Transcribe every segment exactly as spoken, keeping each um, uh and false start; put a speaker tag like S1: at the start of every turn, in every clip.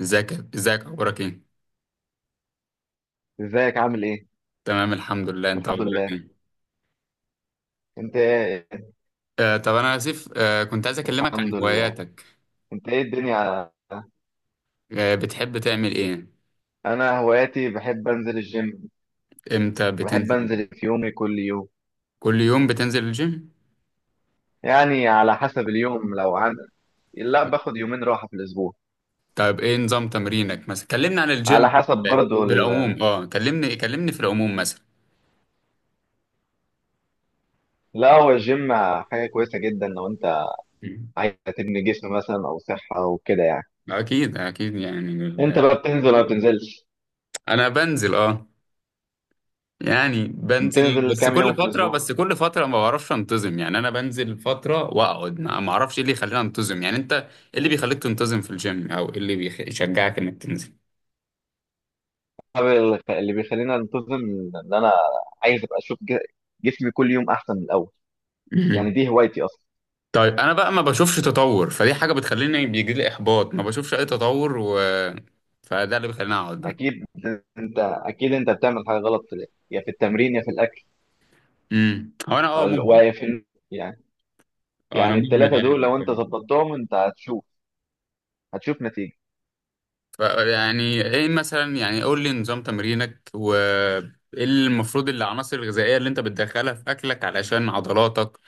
S1: ازيك ازيك، اخبارك ايه؟
S2: ازيك، عامل ايه؟
S1: تمام، الحمد لله. انت
S2: الحمد
S1: اخبارك
S2: لله.
S1: ايه؟
S2: انت ايه؟
S1: آه طب انا اسف. آه كنت عايز اكلمك عن
S2: الحمد لله.
S1: هواياتك.
S2: انت ايه الدنيا؟
S1: آه بتحب تعمل ايه؟
S2: انا هواياتي بحب انزل الجيم.
S1: امتى
S2: بحب
S1: بتنزل؟
S2: انزل في يومي كل يوم.
S1: كل يوم بتنزل الجيم؟
S2: يعني على حسب اليوم لو عن. لا، باخد يومين راحة في الاسبوع.
S1: طب ايه نظام تمرينك مثلا؟ كلمنا عن
S2: على
S1: الجيم
S2: حسب برضو ال...
S1: بالعموم. اه كلمني كلمني في العموم مثلا.
S2: لا، هو الجيم حاجة كويسة جدا لو انت
S1: مم.
S2: عايز تبني جسم مثلا او صحة وكده يعني.
S1: اكيد اكيد يعني
S2: انت
S1: ال-
S2: بقى بتنزل ولا بتنزلش؟
S1: انا بنزل، اه يعني بنزل،
S2: بتنزل
S1: بس
S2: كام يوم
S1: كل
S2: في
S1: فترة
S2: الاسبوع؟
S1: بس كل فترة ما بعرفش انتظم يعني. انا بنزل فترة واقعد، ما ما اعرفش ايه اللي يخليني انتظم يعني. انت ايه اللي بيخليك تنتظم في الجيم؟ او ايه اللي بيخ- يشجعك انك تنزل؟
S2: طب ال- اللي بيخليني انتظم ان انا عايز ابقى اشوف ج- جسمي كل يوم احسن من الاول. يعني
S1: مهم.
S2: دي هوايتي اصلا.
S1: طيب انا بقى ما بشوفش تطور، فدي حاجة بتخليني بيجي لي احباط، ما بشوفش اي تطور، و... فده اللي بيخليني اقعد بقى.
S2: اكيد. انت اكيد انت بتعمل حاجه غلط في الأكل، يا في التمرين يا في الاكل
S1: امم هو انا اه
S2: ال-
S1: مهمل،
S2: ويا في النوم. يعني
S1: اه انا
S2: يعني
S1: مهمل
S2: الثلاثه دول
S1: يعني.
S2: لو انت ظبطتهم انت هتشوف هتشوف نتيجه.
S1: ف- يعني ايه مثلا؟ يعني قول لي نظام تمرينك، وايه المفروض العناصر الغذائية اللي انت بتدخلها في اكلك علشان عضلاتك؟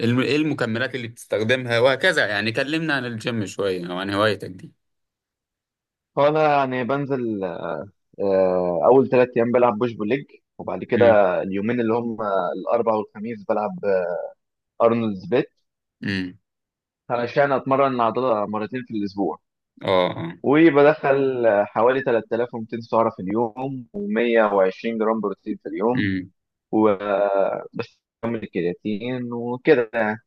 S1: الم- ايه المكملات اللي بتستخدمها وهكذا؟ يعني كلمنا عن الجيم شوية او عن هوايتك دي.
S2: فانا يعني بنزل. آه، اول ثلاث ايام بلعب بوش بول ليج. وبعد كده
S1: امم.
S2: اليومين اللي هم الاربعاء والخميس بلعب ارنولدز بيت،
S1: امم.
S2: علشان اتمرن عضله مرتين في الاسبوع.
S1: اه، اه.
S2: وبدخل حوالي ثلاثة آلاف ومئتين سعره في اليوم و120 جرام بروتين في اليوم.
S1: امم.
S2: وبس، كمل الكرياتين وكده يعني.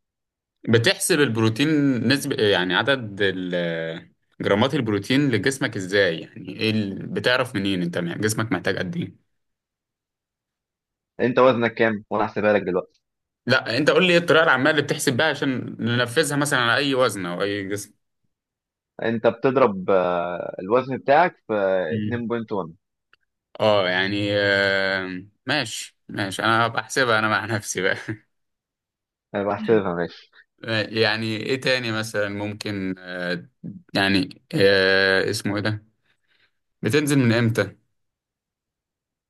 S1: بتحسب البروتين نسبة يعني؟ عدد ال- جرامات البروتين لجسمك ازاي يعني؟ ايه ال- بتعرف منين انت جسمك محتاج قد ايه؟
S2: انت وزنك كام؟ وانا هحسبها لك دلوقتي.
S1: لا، انت قول لي ايه الطريقة العامة اللي بتحسب بيها، عشان ننفذها مثلا على اي وزن او اي جسم.
S2: انت بتضرب آه، الوزن بتاعك في
S1: مم.
S2: اتنين فاصلة واحد.
S1: اه، يعني آه ماشي ماشي، انا هبقى احسبها انا مع نفسي بقى.
S2: انا بحسبها ماشي.
S1: يعني ايه تاني مثلا ممكن آه يعني آه اسمه ايه ده؟ بتنزل من امتى؟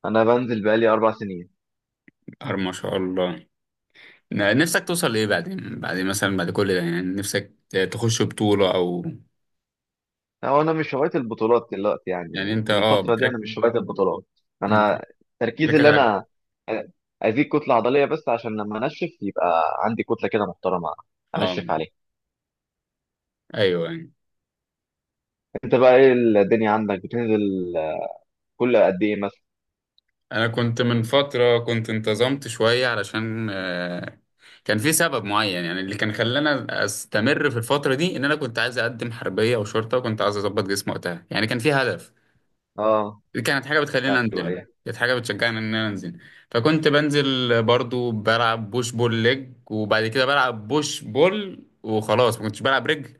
S2: انا بنزل بقالي اربع سنين.
S1: ار ما شاء الله. ن- نفسك توصل لايه بعدين، بعد مثلا بعد كل ده؟ يعني نفسك ت- تخش بطولة او؟
S2: هو انا مش هوايه البطولات دلوقتي. يعني
S1: يعني
S2: يعني
S1: انت
S2: في
S1: اه
S2: الفتره دي انا
S1: بتركز
S2: مش هوايه البطولات. انا تركيزي
S1: بتركز
S2: اللي
S1: على
S2: انا آه، ازيد كتله عضليه، بس عشان لما انشف يبقى عندي كتله كده محترمه
S1: اه
S2: انشف عليها.
S1: ايوه، أيوه.
S2: انت بقى ايه الدنيا عندك؟ بتنزل كل قد ايه مثلا؟
S1: انا كنت من فترة، كنت انتظمت شوية علشان آه، كان في سبب معين يعني، اللي كان خلاني استمر في الفترة دي ان انا كنت عايز اقدم حربية او شرطة، وكنت عايز اظبط جسمي وقتها، يعني كان في هدف.
S2: اه.
S1: دي كانت حاجة بتخليني
S2: ايوه،
S1: أنزل،
S2: ايوه.
S1: كانت حاجة بتشجعني إن أنا أنزل. فكنت بنزل برضو، بلعب بوش بول ليج، وبعد كده بلعب بوش بول وخلاص، ما كنتش بلعب رجل.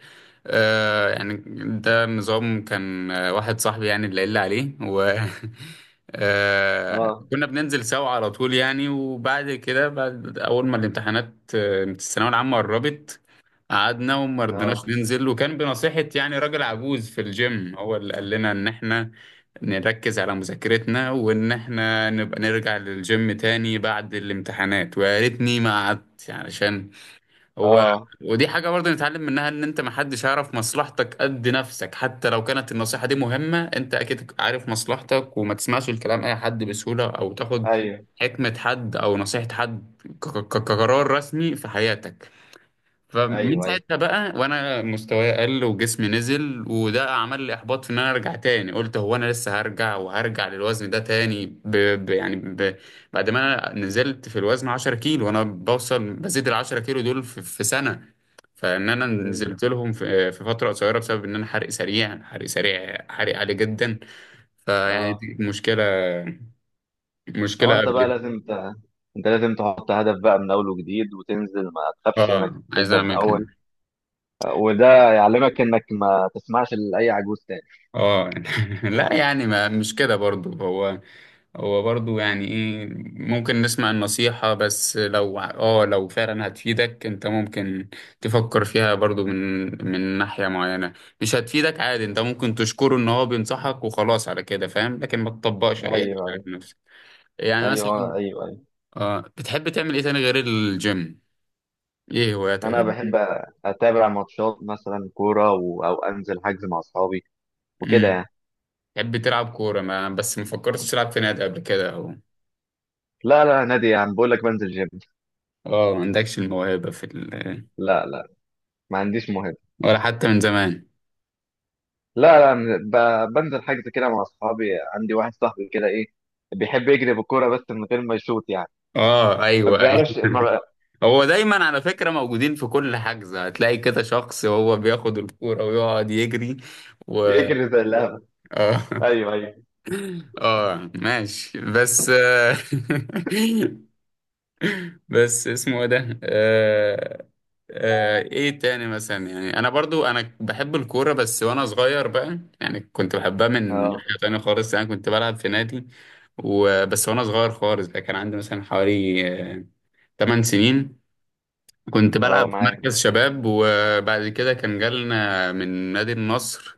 S1: آه يعني ده نظام كان، آه، واحد صاحبي يعني اللي قال لي عليه، و آه
S2: اه،
S1: كنا بننزل سوا على طول يعني. وبعد كده، بعد أول ما الامتحانات، آه، الثانوية العامة قربت، قعدنا وما رضيناش
S2: اه،
S1: ننزل، وكان بنصيحة يعني راجل عجوز في الجيم، هو اللي قال لنا إن إحنا نركز على مذاكرتنا، وإن إحنا نبقى نرجع للجيم تاني بعد الامتحانات. ويا ريتني ما قعدت يعني، عشان هو
S2: اه.
S1: ودي حاجة برضه نتعلم منها، إن أنت محدش يعرف مصلحتك قد نفسك، حتى لو كانت النصيحة دي مهمة. أنت أكيد عارف مصلحتك، وما تسمعش الكلام أي حد بسهولة، أو تاخد
S2: ايوه،
S1: حكمة حد أو نصيحة حد ك- ك- كقرار رسمي في حياتك. فمن
S2: ايوه، ايوه.
S1: ساعتها بقى وانا مستواي قل، وجسمي نزل، وده عمل لي احباط في ان انا ارجع تاني. قلت، هو انا لسه هرجع وهرجع للوزن ده تاني؟ ب... ب... يعني ب... بعد ما انا نزلت في الوزن عشر كيلو، وانا بوصل، بزيد ال عشر كيلو دول في... في سنة، فان انا
S2: مم.
S1: نزلت لهم في... في فترة قصيرة، بسبب ان انا حرق سريع، حرق سريع حرق عالي جدا. فيعني
S2: اه.
S1: دي مشكلة،
S2: هو
S1: مشكلة
S2: انت بقى
S1: قبل.
S2: لازم ت... انت لازم تحط هدف بقى من اول وجديد وتنزل. ما تخافش انك
S1: اه، عايز
S2: تبدا من
S1: اعمل كده.
S2: اول. آه، وده يعلمك انك ما تسمعش لاي عجوز تاني.
S1: اه. لا يعني، ما مش كده برضو هو، هو برضو يعني ايه، ممكن نسمع النصيحة، بس لو اه لو فعلا هتفيدك، انت ممكن تفكر فيها برضو من من ناحية معينة. مش هتفيدك، عادي، انت ممكن تشكره ان هو بينصحك وخلاص على كده، فاهم، لكن ما تطبقش
S2: ايوه،
S1: اي حاجة
S2: ايوه،
S1: على نفسك يعني. مثلا،
S2: ايوه، ايوه، ايوه.
S1: اه بتحب تعمل ايه تاني غير الجيم؟ ايه
S2: انا
S1: هواياتك؟
S2: بحب اتابع ماتشات مثلا كوره و... او انزل حجز مع اصحابي وكده
S1: امم.
S2: يعني.
S1: تحب تلعب كورة، ما بس ما فكرتش تلعب في نادي قبل كده او؟
S2: لا، لا نادي، يعني بقول لك بنزل جيم.
S1: اه، ما عندكش الموهبة في ال...
S2: لا، لا، ما عنديش مهم.
S1: ولا حتى من زمان؟
S2: لا، لا، من- ب- بنزل حجز كده مع اصحابي. عندي واحد صاحبي كده ايه، بيحب يجري بالكوره بس من غير ما يشوط يعني.
S1: اه،
S2: ما
S1: ايوه، ايوه.
S2: بيعرفش، ما بقى
S1: هو دايما على فكرة موجودين في كل حجز، هتلاقي كده شخص هو بياخد الكورة ويقعد يجري، و
S2: يجري زي اللعبه.
S1: اه.
S2: ايوه، ايوه.
S1: اه ماشي، بس آه، بس اسمه ايه ده؟ آه، آه، ايه تاني مثلا؟ يعني انا برضو انا بحب الكورة، بس وانا صغير بقى يعني كنت بحبها من
S2: اه،
S1: حاجة تانية خالص، يعني كنت بلعب في نادي وبس، وانا صغير خالص بقى كان عندي مثلا حوالي آه، تمان سنين، كنت
S2: اه،
S1: بلعب في
S2: معاك.
S1: مركز شباب. وبعد كده كان جالنا من نادي النصر،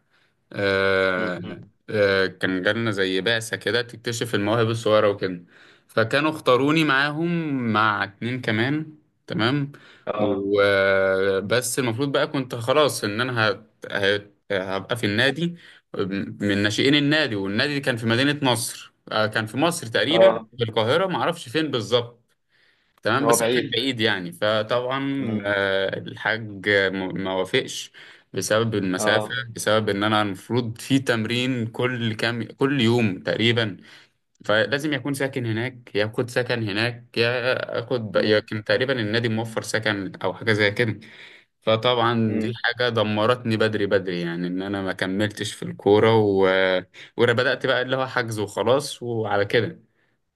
S2: م-،
S1: آه،
S2: م.
S1: آه، كان جالنا زي بعثة كده تكتشف المواهب الصغيرة وكده، فكانوا اختاروني معاهم مع اتنين كمان، تمام.
S2: اه،
S1: وبس المفروض بقى كنت خلاص ان انا هت- هت- هبقى في النادي، من ناشئين النادي. والنادي كان في مدينة نصر، آه، كان في مصر تقريبا،
S2: اه.
S1: في القاهرة، معرفش فين بالظبط. تمام،
S2: هو
S1: بس هو كان
S2: بعيد.
S1: بعيد يعني. فطبعا
S2: م.
S1: آه، الحاج م- ما وافقش، بسبب المسافة،
S2: اه.
S1: بسبب ان انا المفروض في تمرين كل كام، كل يوم تقريبا، فلازم يكون ساكن هناك، ياخد سكن هناك، ياخد
S2: م.
S1: يمكن تقريبا النادي موفر سكن او حاجة زي كده. فطبعا دي
S2: م.
S1: حاجة دمرتني بدري بدري يعني، ان انا ما كملتش في الكورة، و... وانا بدأت بقى اللي هو حجز وخلاص وعلى كده،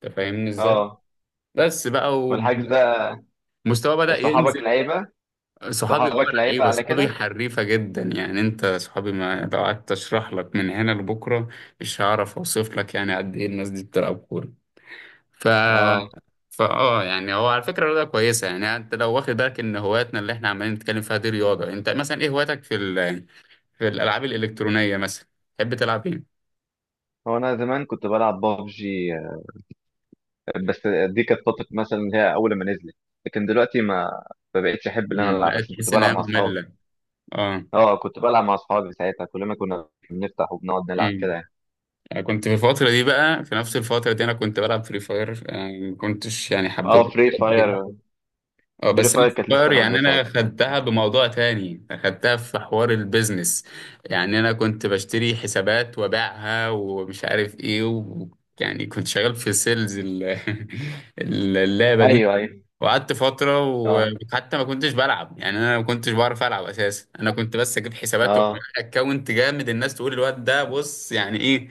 S1: انت فاهمني ازاي؟
S2: اه.
S1: بس بقى،
S2: والحجز ده
S1: ومستوى بدأ ينزل.
S2: صحابك لعيبه.
S1: صحابي اه
S2: صحابك لعيبه
S1: لعيبه،
S2: على
S1: صحابي
S2: كده.
S1: حريفه جدا يعني. انت صحابي، ما لو قعدت اشرح لك من هنا لبكره، مش هعرف اوصف لك يعني قد ايه الناس دي بتلعب كوره. ف
S2: اه.
S1: فا اه يعني هو على فكره رياضه كويسه يعني. انت لو واخد بالك ان هواياتنا اللي احنا عمالين نتكلم فيها دي رياضه، انت مثلا ايه هواياتك في ال... في الالعاب الالكترونيه مثلا؟ تحب تلعب ايه؟
S2: هو انا زمان كنت بلعب بابجي. بس دي كانت فتره مثلا، اللي هي اول ما نزلت. لكن دلوقتي ما ما بقتش احب ان انا
S1: امم
S2: العب،
S1: بقيت
S2: عشان كنت
S1: تحس
S2: بلعب
S1: انها
S2: مع اصحابي.
S1: ممله؟ اه.
S2: اه كنت بلعب مع اصحابي ساعتها، كل ما كنا بنفتح وبنقعد نلعب كده
S1: امم.
S2: يعني.
S1: أنا كنت في الفترة دي بقى، في نفس الفترة دي، أنا كنت بلعب فري فاير. أنا ما كنتش يعني حبيت
S2: اه، فري
S1: قد
S2: فاير
S1: كده، اه،
S2: فري
S1: بس انا
S2: فاير كانت
S1: صغير
S2: لسه نازله
S1: يعني. انا
S2: ساعتها.
S1: خدتها بموضوع تاني، خدتها في حوار البيزنس يعني. انا كنت بشتري حسابات وابيعها ومش عارف ايه، و... يعني كنت شغال في سيلز ال... اللعبة دي.
S2: ايوه، ايوه.
S1: وقعدت فترة،
S2: اه،
S1: وحتى ما كنتش بلعب يعني، أنا ما كنتش بعرف ألعب أساسا. أنا كنت بس أجيب حسابات
S2: اه،
S1: وأكونت جامد، الناس تقول الواد ده بص يعني إيه.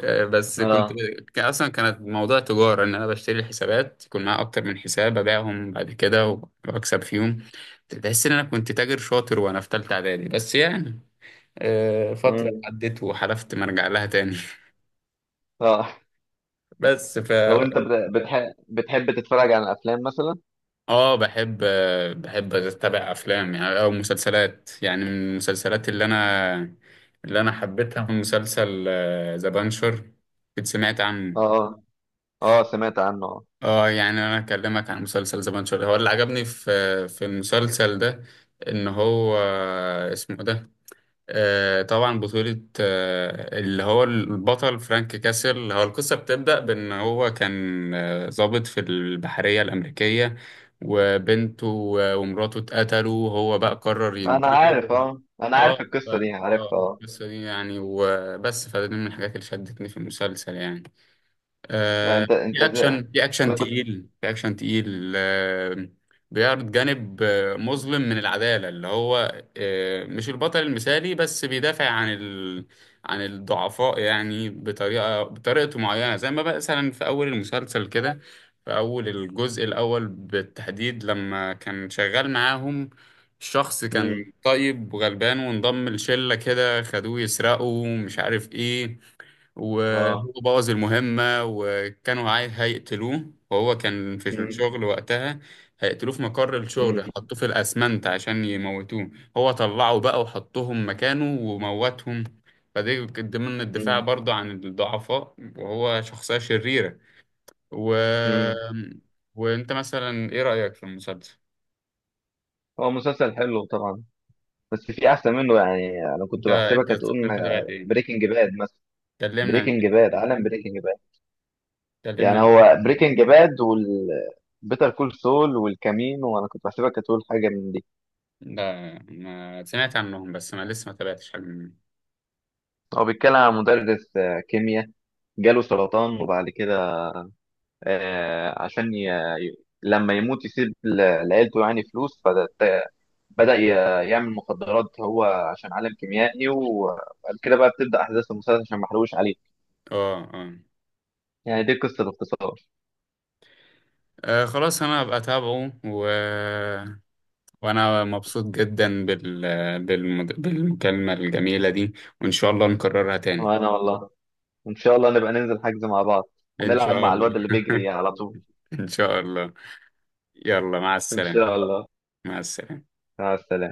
S1: آه، بس كنت،
S2: اه.
S1: كان أصلا كانت موضوع تجارة، إن أنا بشتري الحسابات يكون معايا أكتر من حساب، أبيعهم بعد كده وأكسب فيهم. تحس إن أنا كنت تاجر شاطر وأنا في تالتة إعدادي، بس يعني آه، فترة
S2: مم.
S1: عدت وحلفت ما أرجع لها تاني.
S2: اه.
S1: بس ف
S2: لو انت بتحب بتحب تتفرج على افلام مثلا.
S1: اه بحب، بحب اتابع افلام يعني، او مسلسلات يعني. من المسلسلات اللي انا اللي انا حبيتها، مسلسل ذا بانشر، كنت سمعت عنه.
S2: اه، اه، سمعت عنه. اه،
S1: اه يعني انا اكلمك عن مسلسل ذا بانشر. هو اللي عجبني في في المسلسل ده، ان هو آه، اسمه إيه ده، آه، طبعا بطولة، آه، اللي هو البطل فرانك كاسل. هو القصة بتبدأ بأن هو كان آه، ضابط في البحرية الأمريكية، وبنته و- ومراته اتقتلوا، وهو بقى قرر
S2: انا
S1: ينتقم.
S2: عارف اه انا
S1: اه،
S2: عارف
S1: ف-
S2: القصه دي،
S1: اه
S2: عارفها اه.
S1: القصة دي يعني وبس، فدي من الحاجات اللي شدتني في المسلسل يعني.
S2: يعني
S1: آه،
S2: انت انت
S1: في اكشن
S2: ازاي؟
S1: في
S2: انا
S1: اكشن
S2: كنت.
S1: تقيل، في اكشن تقيل، آه، بيعرض جانب آه، مظلم من العداله، اللي هو آه، مش البطل المثالي، بس بيدافع عن ال... عن الضعفاء يعني بطريقه، بطريقته معينه. زي ما بقى مثلا في اول المسلسل كده، في اول الجزء الاول بالتحديد، لما كان شغال معاهم شخص كان
S2: امم.
S1: طيب وغلبان، وانضم لشله كده، خدوه يسرقوا مش عارف ايه،
S2: اه.
S1: وهو بوظ المهمة، وكانوا عايز هيقتلوه، وهو كان في
S2: امم.
S1: الشغل وقتها، هيقتلوه في مقر
S2: امم.
S1: الشغل، حطوه في الأسمنت عشان يموتوه. هو طلعه بقى وحطهم مكانه وموتهم. فدي كانت ضمن الدفاع برضه عن الضعفاء، وهو شخصية شريرة. و...
S2: امم.
S1: وانت مثلا ايه رأيك في المسلسل؟
S2: هو مسلسل حلو طبعا، بس في احسن منه. يعني انا
S1: انت
S2: كنت بحسبك
S1: انت
S2: هتقول
S1: انت تابعت ايه؟
S2: بريكنج باد مثلا.
S1: كلمنا عن
S2: بريكنج
S1: بريكنج
S2: باد،
S1: باد.
S2: عالم بريكنج باد.
S1: كلمنا
S2: يعني
S1: عن
S2: هو
S1: بريكنج باد
S2: بريكنج باد وال بيتر كول سول والكمين، وانا كنت بحسبك هتقول حاجه من دي.
S1: لا ما سمعت عنهم، بس ما لسه ما تابعتش حاجة منهم.
S2: هو بيتكلم عن مدرس آه، كيمياء، جاله سرطان. وبعد كده آه، عشان ي... ي- لما يموت يسيب ل- لعيلته يعني فلوس. فبدأ ي- يعمل مخدرات، هو عشان عالم كيميائي. وبعد كده بقى بتبدأ أحداث المسلسل، عشان ما احرقوش عليه.
S1: اه، اه.
S2: يعني دي قصة باختصار.
S1: آه، خلاص انا هبقى اتابعه. و... وانا مبسوط جدا بال... بالمد... بالمكالمة الجميلة دي، وان شاء الله نكررها تاني.
S2: وأنا والله، ان شاء الله نبقى ننزل حجز مع بعض
S1: ان
S2: ونلعب
S1: شاء
S2: مع
S1: الله.
S2: الواد اللي بيجري على طول.
S1: ان شاء الله. يلا مع
S2: ان
S1: السلامة.
S2: شاء الله.
S1: مع السلامة.
S2: مع السلامة.